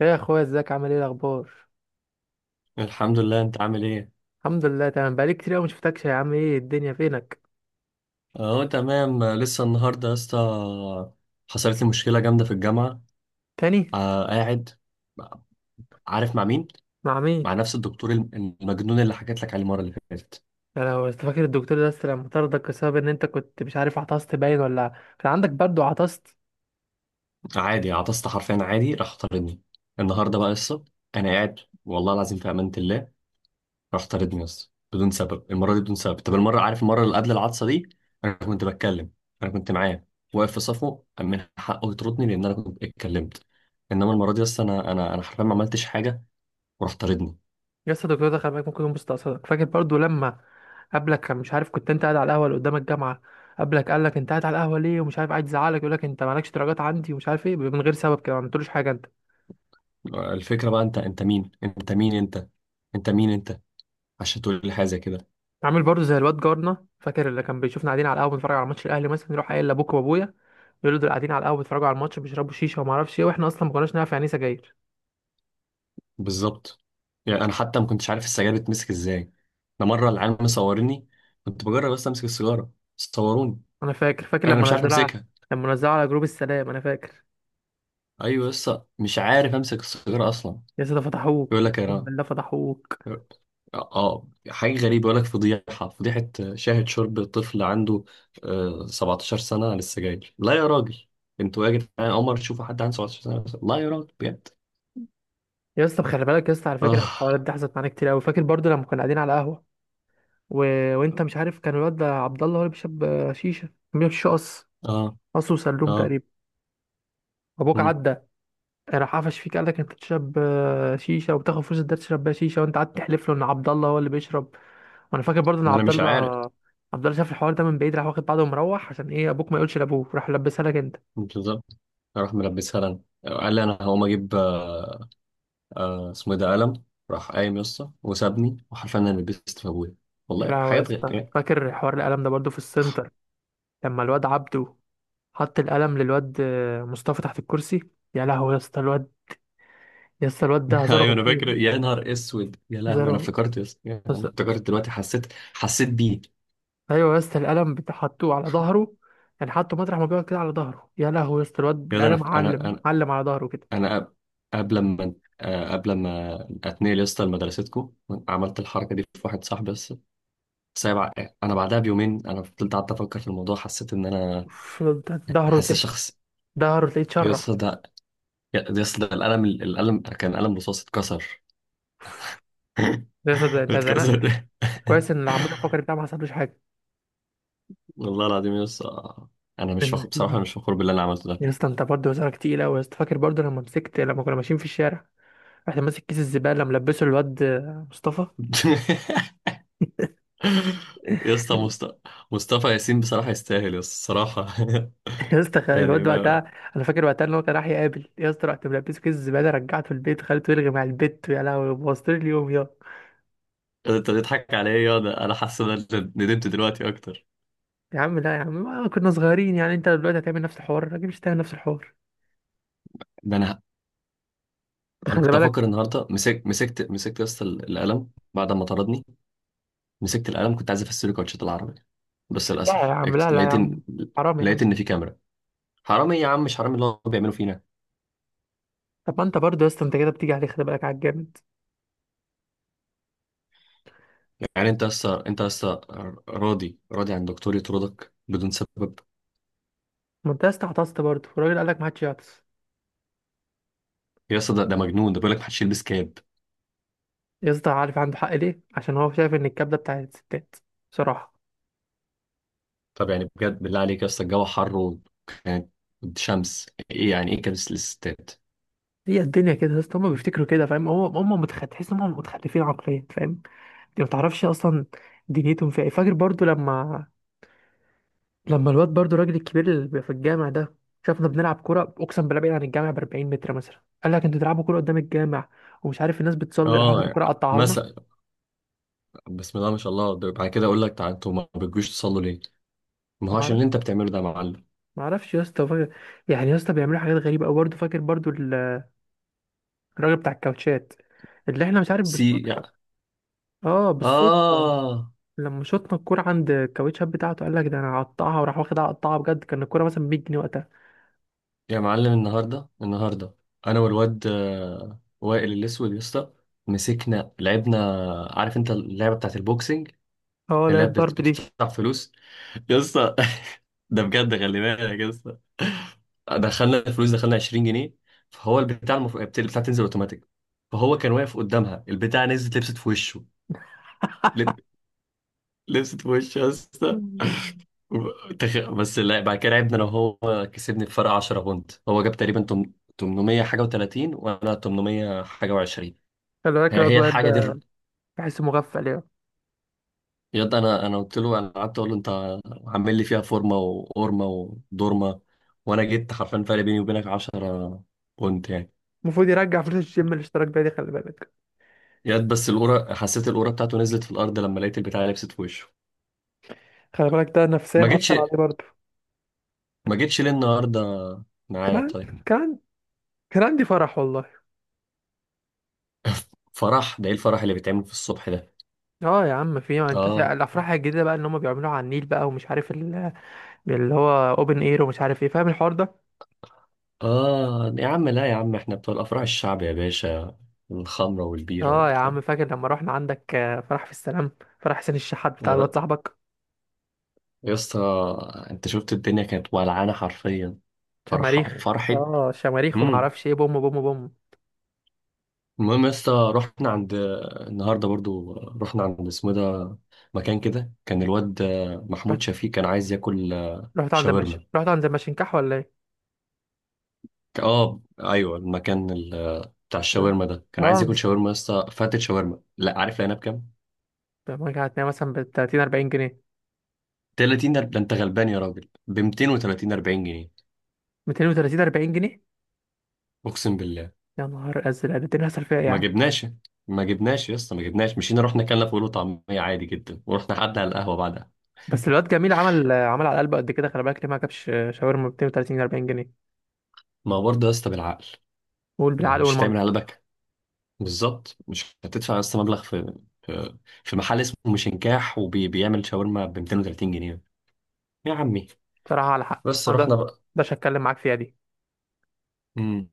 يا اخويا، ازيك؟ عامل ايه؟ الاخبار؟ الحمد لله، انت عامل ايه؟ الحمد لله تمام. بقالي كتير قوي ما شفتكش يا عم. ايه الدنيا؟ فينك؟ اهو تمام. لسه النهارده يا اسطى، حصلت لي مشكله جامده في الجامعه. تاني؟ آه، قاعد. عارف مع مين؟ مع مين؟ مع نفس الدكتور المجنون اللي حكيت لك عليه المره اللي فاتت. انا لو أنت فاكر الدكتور ده لسه لما طردك بسبب ان انت كنت مش عارف عطست باين، ولا كان عندك برد وعطست. عادي، عطست حرفيا عادي، راح طردني. النهارده بقى لسه، انا قاعد، والله العظيم في امانه الله، راح طاردني بس بدون سبب، المره دي بدون سبب. طب المره، عارف المره اللي قبل العطسه دي؟ انا كنت بتكلم، انا كنت معاه، واقف في صفه، من حقه يطردني لان انا كنت اتكلمت. انما المره دي بس انا حرفيا ما عملتش حاجه، وراح طاردني. لسه الدكتور ده؟ خلي بالك ممكن يكون مستقصدك. فاكر برضو لما قبلك كان مش عارف كنت انت قاعد على القهوه اللي قدام الجامعه؟ قبلك قال لك انت قاعد على القهوه ليه ومش عارف، قاعد يزعلك، يقول لك انت مالكش درجات عندي ومش عارف ايه، من غير سبب كده. ما عملتلوش حاجه انت. الفكره بقى، انت مين انت مين انت، انت مين انت، عشان تقول لي حاجه زي كده؟ عامل برضو زي الواد جارنا، فاكر اللي كان بيشوفنا قاعدين على القهوه بنتفرج على ماتش الاهلي مثلا يروح قايل لابوك وابويا، بيقولوا دول قاعدين على القهوه بيتفرجوا على الماتش بيشربوا شيشه وما اعرفش ايه، واحنا اصلا ما كناش نعرف يعني ايه سجاير. بالظبط. يعني انا حتى ما كنتش عارف السجاير بتمسك ازاي، ده مره العيال مصوريني، كنت بجرب بس امسك السيجاره، صوروني. انا فاكر انا لما مش عارف نزلها، امسكها. على جروب السلام انا فاكر. ايوه، لسه مش عارف امسك السيجاره اصلا. يا اسطى فتحوك، يقول لك اقسم انا، بالله فتحوك. اه حاجه غريبه، يقول لك فضيحه فضيحه، شاهد شرب طفل عنده 17 سنه عن السجاير، لا يا راجل. انتوا يا جدعان عمر تشوفوا حد عنده 17 سنه؟ لا يا راجل بجد. يا اسطى خلي بالك يا اسطى، على فكره الحوارات اه، دي حصلت معانا كتير قوي. فاكر برضو لما كنا قاعدين على قهوه؟ و... وانت مش عارف كان الواد ده عبد الله هو اللي بيشرب شيشه. كان بيشرب شيشه. اه، قص وسلوم اه. تقريبا. ابوك مم. عدى، راح قفش فيك قال لك انت بتشرب شيشه وبتاخد فلوس الدرس تشرب بيها شيشه، وانت قعدت تحلف له ان عبد الله هو اللي بيشرب. وانا فاكر برضو ان ما انا عبد مش الله، عارف. عبد الله شاف الحوار ده من بعيد راح واخد بعضه ومروح. عشان ايه؟ ابوك ما يقولش لابوك، راح لبسها لك انت. بالظبط، راح ملبسها لنا. قال لي انا هقوم اجيب اسمه ايه ده، قلم. راح قايم يسطا وسابني، وحرفيا انا لبست في ابويا. يا والله لهوي يا حاجات اسطى، غ... فاكر حوار القلم ده برضو في السنتر؟ لما الواد عبده حط القلم للواد مصطفى تحت الكرسي. يا لهوي يا اسطى الواد. ده هزاره ايوه انا فاكر، غشيم. يا نهار اسود يا لهوي، هزاره انا افتكرت يا اسطى، انا بس- افتكرت دلوقتي، حسيت، حسيت بيه. ايوه يا اسطى القلم حطوه على ظهره، يعني حطه مطرح ما بيقعد كده على ظهره. يا لهوي يا اسطى الواد، يا ده القلم انا انا علم انا علم على ظهره كده. انا قبل ما قبل ما اتنقل يا اسطى لمدرستكم، عملت الحركه دي في واحد صاحبي بس، سايب. انا بعدها بيومين، انا فضلت قعدت افكر في الموضوع، حسيت ان انا، ظهره حاسس تلاقيه، شخص. يا اتشرع. اسطى ده، يا اسطى، ده القلم كان قلم رصاص اتكسر. يا اسطى ده انت زنقت. اتكسر. كويس ان العمود الفقري بتاعه ما حصلوش حاجه. والله العظيم يا اسطى، انا مش فخور بصراحه، أنا مش فخور باللي انا عملته ده. يا اسطى انت برضه وزنك تقيل قوي يا اسطى. فاكر برضه لما مسكت، لما كنا ماشيين في الشارع رحت ماسك كيس الزباله ملبسه الواد مصطفى؟ يا اسطى مصطفى ياسين بصراحة يستاهل يا اسطى الصراحة. يا اسطى يعني الواد ما... وقتها، انا فاكر وقتها ان هو كان راح يقابل يا اسطى، رحت ملبسه كيس الزباله رجعته البيت خليته يلغي مع البت. يا لهوي بوظت لي اليوم يا. انت بتضحك عليا. انا حاسس ان انا ندمت دلوقتي اكتر. يا عم لا يا عم، ما كنا صغيرين يعني. انت دلوقتي هتعمل نفس الحوار؟ الراجل مش هتعمل نفس الحوار. ده انا، انا خلي كنت بالك. افكر النهارده، مسكت يا اسطى القلم بعد ما طردني. مسكت القلم، كنت عايز افسر كوتشات العربي، بس لا يا للاسف عم، لا لا يا لقيت عم، ان، حرام يا لقيت عم. ان في كاميرا. حرام ايه يا عم؟ مش حرام اللي هو بيعمله فينا؟ طب ما انت برضه يا اسطى انت كده بتيجي عليه، خلي بالك على الجامد. يعني انت يا اسطى، راضي راضي عن دكتور يطردك بدون سبب؟ ما انت يا اسطى عطست برضه، الراجل قال لك ما حدش يعطس. يا اسطى، ده مجنون، ده بيقول لك محدش يلبس كاب. يا اسطى عارف عنده حق ليه؟ عشان هو شايف ان الكبده بتاعت الستات بصراحه. طب يعني بجد، بالله عليك يا اسطى، الجو حر وكانت شمس. ايه يعني ايه كبس الستات؟ هي الدنيا كده يا اسطى، هم بيفتكروا كده فاهم، هو هم تحس ان هم متخلفين عقليا، فاهم؟ انت ما تعرفش اصلا دنيتهم فيها ايه. فاكر برضو لما، لما الواد برضو الراجل الكبير اللي بيبقى في الجامع ده شافنا بنلعب كوره، اقسم بالله بعيد عن الجامع ب 40 متر مثلا، قال لك انتوا تلعبوا كوره قدام الجامع ومش عارف الناس بتصلي، راح اخد اه، الكوره قطعها لنا. مثلا، بسم الله ما شاء الله، ده بعد كده اقول لك تعال، انتوا ما بتجوش تصلوا ليه؟ ما هو ما عشان اعرف اللي انت بتعمله ده يا معلم. ما اعرفش يا اسطى. فاكر يعني يا اسطى بيعملوا حاجات غريبه قوي برضه؟ فاكر برضه الراجل بتاع الكاوتشات، اللي احنا مش عارف سي بالصدفه؟ يعني. اه بالصدفة. اه. لما شطنا الكورة عند الكاوتشات بتاعته، قال لك ده انا هقطعها، وراح واخدها قطعها بجد. كان الكورة مثلا 100 جنيه وقتها. يا معلم، النهارده انا والواد وائل الاسود يا اسطى، مسكنا لعبنا. عارف انت اللعبه بتاعت البوكسنج، اه لا اللي هي الضرب دي. بتدفع فلوس، يا اسطى. ده بجد، خلي بالك يا اسطى، دخلنا الفلوس، دخلنا 20 جنيه. فهو البتاع، البتاع تنزل اوتوماتيك، فهو كان واقف قدامها، البتاع نزلت لبست في وشه. لب... لبست في وشه يا اسطى. بس لا، بعد كده لعبنا انا وهو، كسبني بفرق 10 بونت، هو جاب تقريبا 800 حاجه و30، وانا 800 حاجه و20. خلي بالك هي الواد هي وائل الحاجه دي. ده بحسه مغفل يعني. يا ده، انا قلت له، انا قعدت اقول له، انت عامل لي فيها فورمه وقورمه ودورمه، وانا جيت حرفيا فرق بيني وبينك 10 بونت يعني. المفروض يرجع فلوس الجيم الاشتراك بيه دي، خلي بالك. ياد بس القوره، حسيت القوره بتاعته نزلت في الارض لما لقيت البتاع لبست في وشه. خلي بالك ده ما نفسيا جيتش، اثر عليه برضه. ما جيتش ليه النهارده كان معانا؟ طيب. عن- كان عن- كان عندي فرح والله. فرح؟ ده ايه الفرح اللي بيتعمل في الصبح ده؟ اه يا عم، في ما انت اه. الافراح الجديده بقى اللي هم بيعملوها على النيل بقى ومش عارف اللي هو اوبن اير ومش عارف ايه، فاهم الحوار ده؟ اه يا عم، لا يا عم، احنا بتوع الافراح الشعب يا باشا، الخمره والبيره اه يا والبتاع. عم، فاكر لما رحنا عندك فرح في السلام؟ فرح حسين الشحات بتاع يا را- الواد صاحبك. يا اسطى، انت شفت الدنيا كانت ولعانه حرفيا، فرح شماريخ. فرحه. اه شماريخ، وما امم اعرفش ايه، بوم بوم بوم. المهم يا اسطى، رحنا عند، النهارده برضو رحنا عند اسمه ده، مكان كده، كان الواد رحت محمود شفيق كان عايز ياكل شاورما. رحت عند المشنكح، ولا ايه؟ اه ايوه، المكان بتاع اه. الشاورما ده، كان عايز اه. ياكل شاورما يا اسطى. فاتت شاورما، لا عارف لقينا بكام؟ لما رجعت هتلاقي مثلا ب 30 40 جنيه. 30؟ ده انت غلبان يا راجل، ب 230 40 جنيه. 230 40 جنيه. اقسم بالله. يا نهار ازرق، ده تاني هصل فيها ايه يا ما عم؟ جبناش، ما جبناش يا اسطى، ما جبناش، مشينا رحنا اكلنا فول وطعميه عادي جدا، ورحنا قعدنا على القهوه بعدها. بس الواد جميل عمل عمل على قلبه قد كده، خلي بالك ليه ما جابش شاورما ب 230 40 جنيه. ما هو برضه يا اسطى بالعقل، قول ما بالعقل مش هتعمل والمنطق. على، بالظبط، مش هتدفع اصلا مبلغ في في محل اسمه مشنكاح وبيعمل شاورما ب 230 جنيه، يا عمي. بصراحه على حق، بس ما ده، رحنا بقى. ده هتكلم معاك فيها دي. امم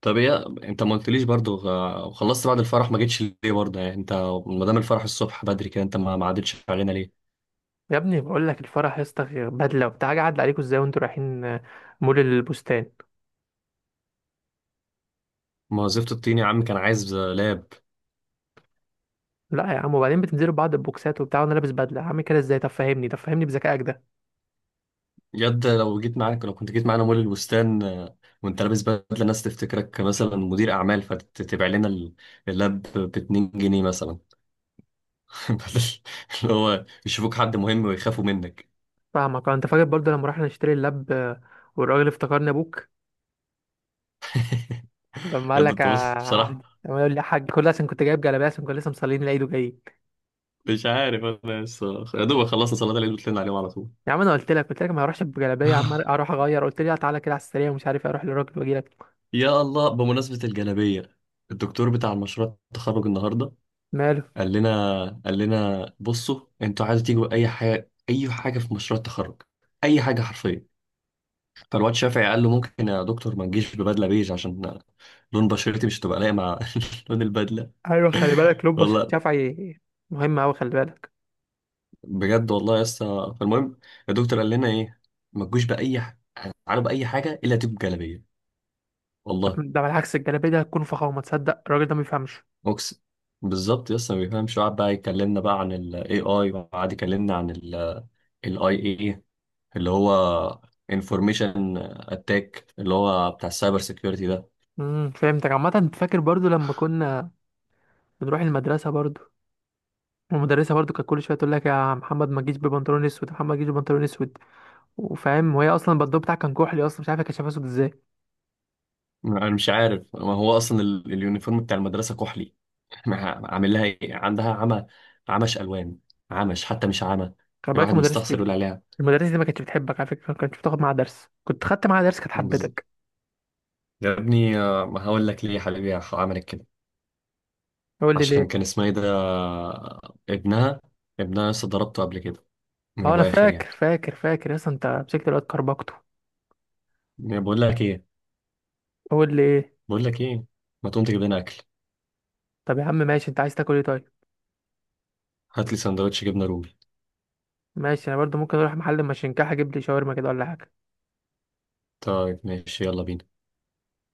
طب ايه، انت ما قلتليش برضو وخلصت بعد الفرح، ما جيتش ليه برضه، يعني انت، ما دام الفرح الصبح بدري كده، انت ما عدتش علينا ليه؟ يا ابني بقول لك الفرح يا اسطى، بدله وبتاع، قاعد عليكم ازاي وانتوا رايحين مول البستان. ما وظيفة الطين يا عم كان عايز لاب. لا يا عم، وبعدين بتنزلوا بعض، البوكسات وبتاع، وانا لابس بدله عامل كده ازاي؟ طب فهمني، طب فهمني بذكائك ده. يد لو جيت معاك، لو كنت جيت معانا مول البستان، وانت لابس بدله، الناس تفتكرك مثلا مدير اعمال، فتبيع لنا اللاب ب 2 جنيه مثلا. بدل اللي هو يشوفوك حد مهم ويخافوا منك. فاهمك انت فاكر برضه لما رحنا نشتري اللاب؟ والراجل افتكرني ابوك، لما يا قال ده لك انت بص بصراحة، لما يقول لي يا حاج؟ كل ده عشان كنت جايب جلابيه، عشان كنا لسه مصلين العيد وجايين. مش عارف، انا لسه يا دوب خلصنا صلاة العيد وطلعنا عليهم على طول. يا عم انا قلت لك، قلت لك ما اروحش بجلابيه يا عم، اروح اغير، قلت لي لا تعالى كده على السريع ومش عارف اروح للراجل واجي لك. يا الله، بمناسبة الجلابية، الدكتور بتاع المشروع التخرج النهاردة، ماله؟ قال لنا بصوا، انتوا عايزوا تيجوا اي حاجة، اي حاجة في مشروع التخرج، اي حاجة حرفيا. فالواد شافعي قال له ممكن يا دكتور ما تجيش ببدلة بيج عشان لون بشرتي مش هتبقى لايقة مع لون البدلة. ايوه خلي بالك، لون بشرة والله، شفعي مهم قوي، خلي بالك. بجد والله يا اسطى، فالمهم، الدكتور قال لنا ايه؟ ما تجوش باي ح- تعالوا باي حاجه الا تجيب جلابيه. والله، ده بالعكس الجلابيه دي هتكون فخامه. تصدق الراجل ده ما بيفهمش. اقسم. بالظبط يا اسطى ما بيفهمش، وقعد بقى يكلمنا بقى عن الاي اي، وقعد يكلمنا عن الاي اي، اللي هو انفورميشن اتاك، اللي هو بتاع السايبر سيكيورتي ده. فهمتك عامه. انت فاكر برضه لما كنا بنروح المدرسة برضو؟ والمدرسة برضو كانت كل شوية تقول لك يا محمد ما تجيش ببنطلون اسود، يا محمد ما تجيش ببنطلون اسود، وفاهم وهي اصلا البندو بتاعك كان كحلي اصلا، مش عارفة كانت شايفاه اسود ازاي. انا مش عارف، ما هو اصلا اليونيفورم بتاع المدرسه كحلي. عامل لها ايه، عندها عمى؟ عمش الوان، عمش حتى مش عمى، خلي بالك الواحد المدرسة مستخسر دي، يقول المدرسة دي ما كانتش بتحبك على فكرة. ما كانتش بتاخد معاها درس، كنت خدت معاها درس كانت عليها. حبتك. يا ابني ما هقول لك ليه يا حبيبي عملت كده؟ قول لي عشان ليه. كان اسمها ايه ده ابنها، ابنها لسه ضربته قبل كده، من اه انا ابو اخر يعني. فاكر يا اسطى انت مسكت الواد كربكته. يعني بقول لك ايه، قول لي ايه. بقول لك ايه، ما تقوم تجيب لنا اكل؟ طب يا عم ماشي، انت عايز تاكل ايه طيب؟ هات لي سندوتش جبنه رومي. ماشي، انا برضو ممكن اروح محل مشنكاح اجيب لي شاورما كده ولا حاجة. طيب ماشي، يلا بينا.